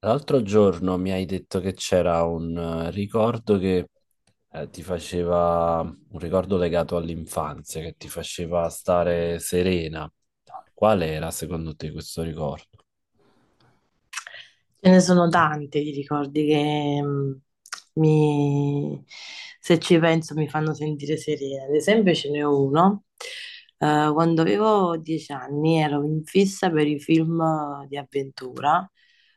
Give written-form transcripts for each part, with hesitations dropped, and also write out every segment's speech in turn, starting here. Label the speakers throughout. Speaker 1: L'altro giorno mi hai detto che c'era un ricordo che ti faceva, un ricordo legato all'infanzia, che ti faceva stare serena. Qual era secondo te questo ricordo?
Speaker 2: Ce ne sono tanti di ricordi che mi, se ci penso mi fanno sentire serena. Ad esempio, ce n'è uno. Quando avevo 10 anni ero in fissa per i film di avventura,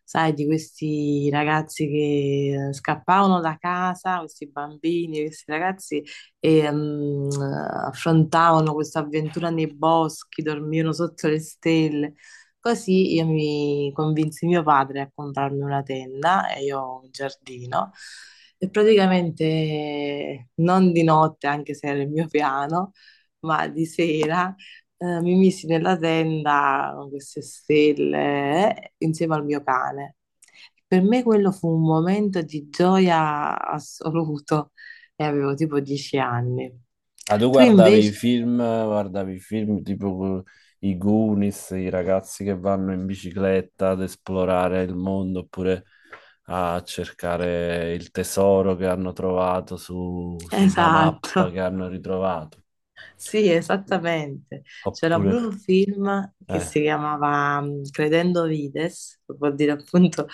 Speaker 2: sai, di questi ragazzi che scappavano da casa, questi bambini, questi ragazzi, e affrontavano questa avventura nei boschi, dormivano sotto le stelle. Così io mi convinsi mio padre a comprarmi una tenda e io ho un giardino e praticamente non di notte, anche se era il mio piano, ma di sera mi misi nella tenda con queste stelle insieme al mio cane. Per me quello fu un momento di gioia assoluto e avevo tipo 10 anni.
Speaker 1: Ah, tu
Speaker 2: Tu invece,
Speaker 1: guardavi i film tipo i Goonies, i ragazzi che vanno in bicicletta ad esplorare il mondo oppure a cercare il tesoro che hanno trovato su, su una mappa
Speaker 2: esatto.
Speaker 1: che hanno ritrovato.
Speaker 2: Sì, esattamente. C'era pure un
Speaker 1: Oppure,
Speaker 2: film che
Speaker 1: eh.
Speaker 2: si chiamava Credendo Vides, che vuol dire appunto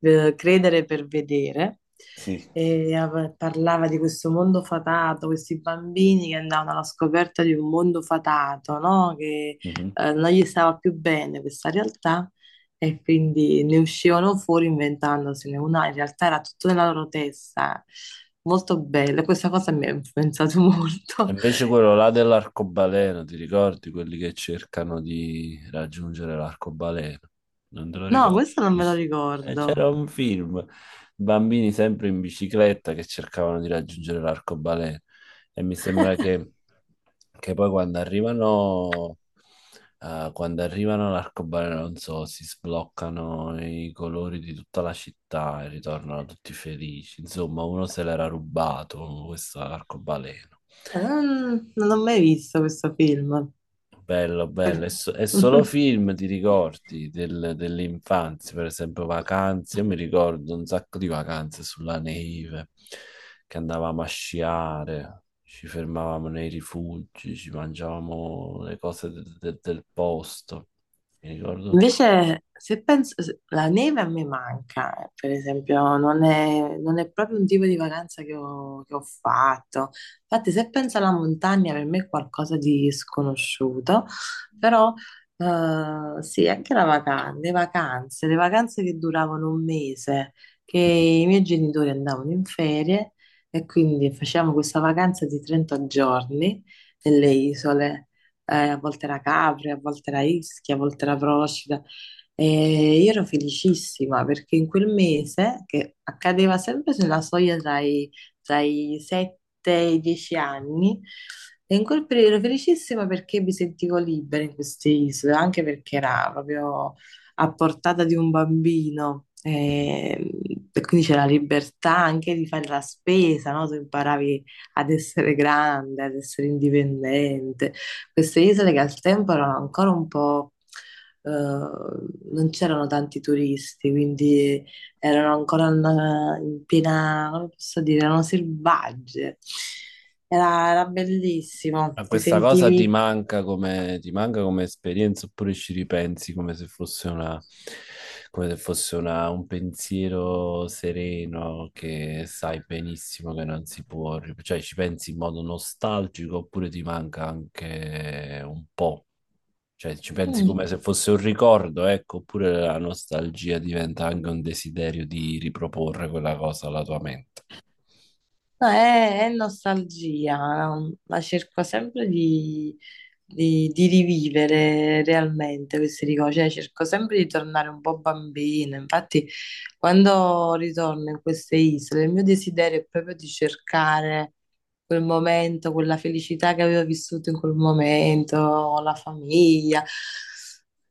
Speaker 2: credere per vedere,
Speaker 1: Sì.
Speaker 2: e parlava di questo mondo fatato, questi bambini che andavano alla scoperta di un mondo fatato, no? Che
Speaker 1: Mhm.
Speaker 2: non gli stava più bene questa realtà e quindi ne uscivano fuori inventandosene una, in realtà era tutto nella loro testa. Molto bello, questa cosa mi ha influenzato
Speaker 1: E
Speaker 2: molto.
Speaker 1: invece quello là dell'arcobaleno, ti ricordi quelli che cercano di raggiungere l'arcobaleno? Non te lo
Speaker 2: No,
Speaker 1: ricordo.
Speaker 2: questo non me lo
Speaker 1: E
Speaker 2: ricordo.
Speaker 1: c'era un film, bambini sempre in bicicletta che cercavano di raggiungere l'arcobaleno e mi sembra che poi quando arrivano all'arcobaleno, non so, si sbloccano i colori di tutta la città e ritornano tutti felici. Insomma, uno se l'era rubato, questo arcobaleno.
Speaker 2: Non ho mai visto questo film.
Speaker 1: Bello, bello, è,
Speaker 2: Per-
Speaker 1: so- è solo film, ti ricordi del- dell'infanzia, per esempio vacanze, io mi ricordo un sacco di vacanze sulla neve, che andavamo a sciare, ci fermavamo nei rifugi, ci mangiavamo le cose de- de- del posto, mi ricordo tutte queste-
Speaker 2: Invece, se penso, la neve a me manca, per esempio, non è proprio un tipo di vacanza che ho fatto. Infatti, se penso alla montagna, per me è qualcosa di sconosciuto, però sì, anche la vacanza, le vacanze che duravano un mese, che i miei genitori andavano in ferie e quindi facevamo questa vacanza di 30 giorni nelle isole a volte era Capri, a volte era Ischia, a volte era Procida. E io ero felicissima perché in quel mese, che accadeva sempre sulla soglia tra i 7 e i 10 anni, le incolpevoli ero felicissima perché mi sentivo libera in queste isole, anche perché era proprio a portata di un bambino.
Speaker 1: Mhm.
Speaker 2: E quindi c'era la libertà anche di fare la spesa, no? Tu imparavi ad essere grande, ad essere indipendente. Queste isole che al tempo erano ancora un po', non c'erano tanti turisti, quindi erano ancora in piena, come posso dire, erano selvagge. Era bellissimo,
Speaker 1: Ma
Speaker 2: ti
Speaker 1: questa cosa
Speaker 2: sentivi.
Speaker 1: ti manca come esperienza oppure ci ripensi come se fosse una, come se fosse una- un pensiero sereno che sai benissimo che non si può, ri- cioè ci pensi in modo nostalgico oppure ti manca anche un po', cioè ci pensi
Speaker 2: Mm.
Speaker 1: come se fosse un ricordo, ecco, oppure la nostalgia diventa anche un desiderio di riproporre quella cosa alla tua mente.
Speaker 2: No, è nostalgia, ma cerco sempre di rivivere realmente questi ricordi, cioè cerco sempre di tornare un po' bambina. Infatti, quando ritorno in queste isole, il mio desiderio è proprio di cercare quel momento, quella felicità che avevo vissuto in quel momento, con la famiglia.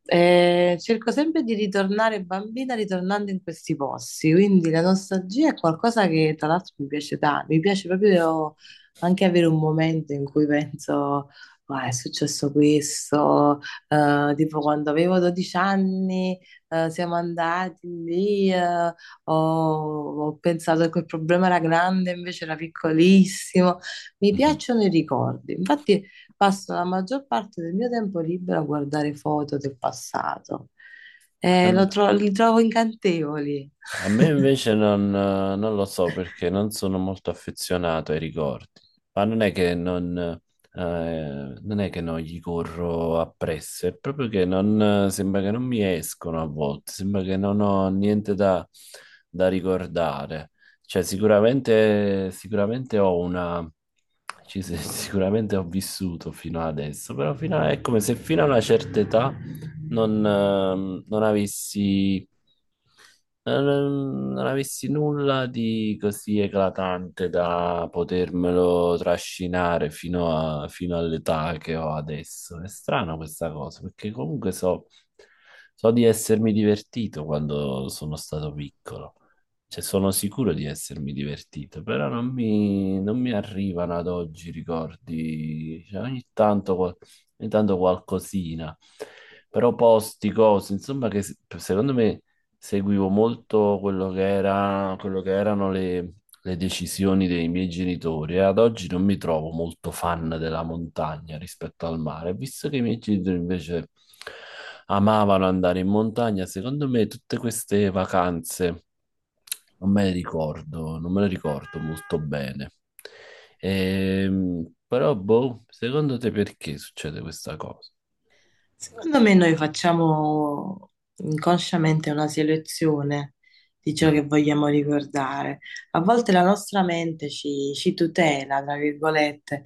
Speaker 2: Cerco sempre di ritornare bambina ritornando in questi posti, quindi la nostalgia è qualcosa che tra l'altro mi piace tanto, mi piace proprio anche avere un momento in cui penso, "Ah, è successo questo, tipo quando avevo 12 anni, siamo andati lì, ho pensato che quel problema era grande, invece era piccolissimo, mi
Speaker 1: Mhm.
Speaker 2: piacciono i ricordi, infatti passo la maggior parte del mio tempo libero a guardare foto del passato. Li trovo incantevoli.
Speaker 1: A me invece non, non lo so perché non sono molto affezionato ai ricordi, ma non è che non, non è che non gli corro appresso, è proprio che non, sembra che non mi escono a volte, sembra che non ho niente da, da ricordare. Cioè sicuramente, sicuramente ho una, ci se- sicuramente ho vissuto fino ad adesso, però fino a- è come se fino a una certa età non, non avessi non avessi nulla di così eclatante da potermelo trascinare fino a- fino all'età che ho adesso. È strano questa cosa, perché comunque so, so di essermi divertito quando sono stato piccolo. Cioè, sono sicuro di essermi divertito, però non mi, non mi arrivano ad oggi ricordi. Cioè, ogni tanto, qual- ogni tanto qualcosina, però posti, cose, insomma, che se- secondo me seguivo molto quello che era- quello che erano le decisioni dei miei genitori e ad oggi non mi trovo molto fan della montagna rispetto al mare. Visto che i miei genitori invece amavano andare in montagna, secondo me tutte queste vacanze non me le ricordo, non me le ricordo molto bene. Però, boh, secondo te perché succede questa cosa?
Speaker 2: Secondo me noi facciamo inconsciamente una selezione di ciò che vogliamo ricordare. A volte la nostra mente ci tutela, tra virgolette,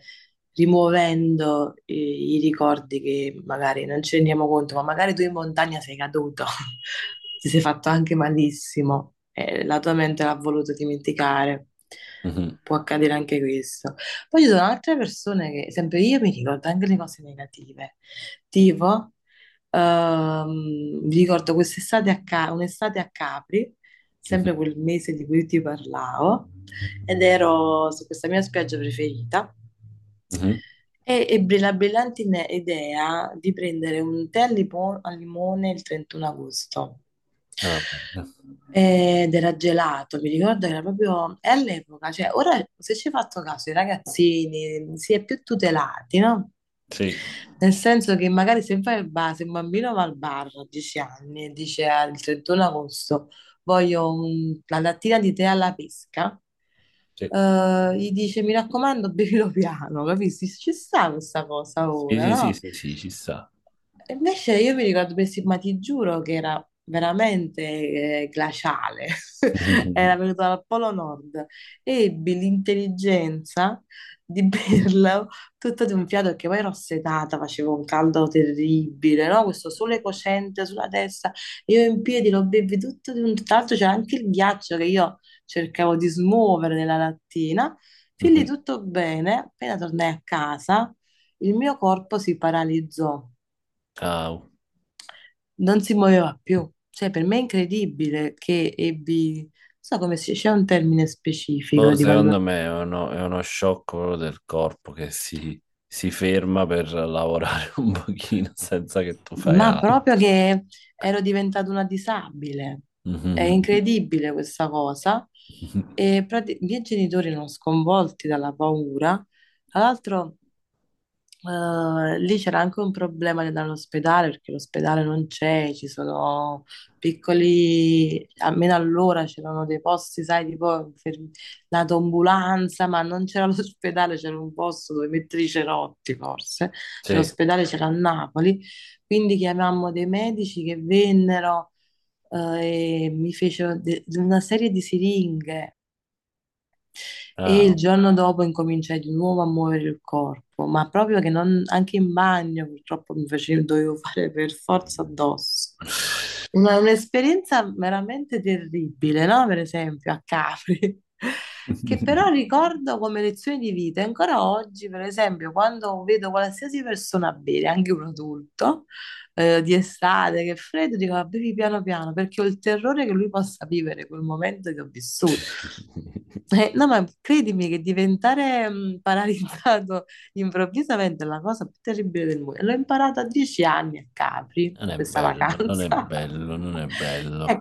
Speaker 2: rimuovendo i ricordi che magari non ci rendiamo conto, ma magari tu in montagna sei caduto, ti sei fatto anche malissimo e la tua mente l'ha voluto dimenticare.
Speaker 1: Mhm,
Speaker 2: Può accadere anche questo. Poi ci sono altre persone che, sempre io, mi ricordo anche le cose negative sportivo. Vi ricordo quest'estate a un'estate a Capri,
Speaker 1: mhm,
Speaker 2: sempre quel mese di cui ti parlavo, ed ero su questa mia spiaggia preferita.
Speaker 1: mhm, mhm.
Speaker 2: E ebbi la brillante idea di prendere un tè al limone il 31 agosto.
Speaker 1: Ah, bene.
Speaker 2: Ed era gelato, mi ricordo che era proprio è all'epoca, cioè ora se ci hai fatto caso i ragazzini si è più tutelati, no?
Speaker 1: Sì.
Speaker 2: Nel senso che magari se vai al bar, se un bambino va al bar a 10 anni e dice al 31 agosto voglio una lattina di tè alla pesca,
Speaker 1: Sì,
Speaker 2: gli dice mi raccomando bevilo piano, capisci? Ci sta questa cosa
Speaker 1: sì,
Speaker 2: ora,
Speaker 1: sì, sì,
Speaker 2: no?
Speaker 1: sì, sì, ci sta.
Speaker 2: E invece io mi ricordo Pessima, ma ti giuro che era veramente glaciale, era venuto dal Polo Nord, ebbi l'intelligenza di berlo tutto di un fiato, perché poi ero assetata, faceva un caldo terribile, no? Questo sole cocente sulla testa, io in piedi lo bevi tutto di un. Tra l'altro c'era anche il ghiaccio che io cercavo di smuovere nella lattina, fin lì
Speaker 1: Mhm.
Speaker 2: tutto bene, appena tornai a casa il mio corpo si paralizzò.
Speaker 1: Ah,
Speaker 2: Non si muoveva più. Cioè, per me è incredibile che ebbi, non so come si, c'è un termine specifico
Speaker 1: boh,
Speaker 2: di
Speaker 1: secondo
Speaker 2: quando,
Speaker 1: me è uno shock proprio del corpo che si ferma per lavorare un pochino senza che tu fai
Speaker 2: ma
Speaker 1: altro.
Speaker 2: proprio che ero diventata una disabile. È
Speaker 1: Mhm.
Speaker 2: incredibile questa cosa. E i miei genitori erano sconvolti dalla paura. Tra l'altro. Lì c'era anche un problema di andare all'ospedale perché l'ospedale non c'è, ci sono piccoli, almeno allora c'erano dei posti, sai, tipo per la tombulanza, ma non c'era l'ospedale, c'era un posto dove mettere i cerotti forse, cioè
Speaker 1: Sì,
Speaker 2: l'ospedale c'era a Napoli, quindi chiamammo dei medici che vennero e mi fecero una serie di siringhe e il
Speaker 1: ah.
Speaker 2: giorno dopo incominciai di nuovo a muovere il corpo, ma proprio che non, anche in bagno purtroppo mi facevo, dovevo fare per forza addosso. Un'esperienza veramente terribile, no? Per esempio a Capri, che però ricordo come lezione di vita. E ancora oggi, per esempio, quando vedo qualsiasi persona bere, anche un adulto, di estate, che è freddo, dico, "Ah, bevi piano piano, perché ho il terrore che lui possa vivere quel momento che ho vissuto. No, ma credimi che diventare paralizzato improvvisamente è la cosa più terribile del mondo. E l'ho imparato a 10 anni a Capri,
Speaker 1: Non
Speaker 2: in
Speaker 1: è
Speaker 2: questa
Speaker 1: bello, non è
Speaker 2: vacanza.
Speaker 1: bello, non è bello.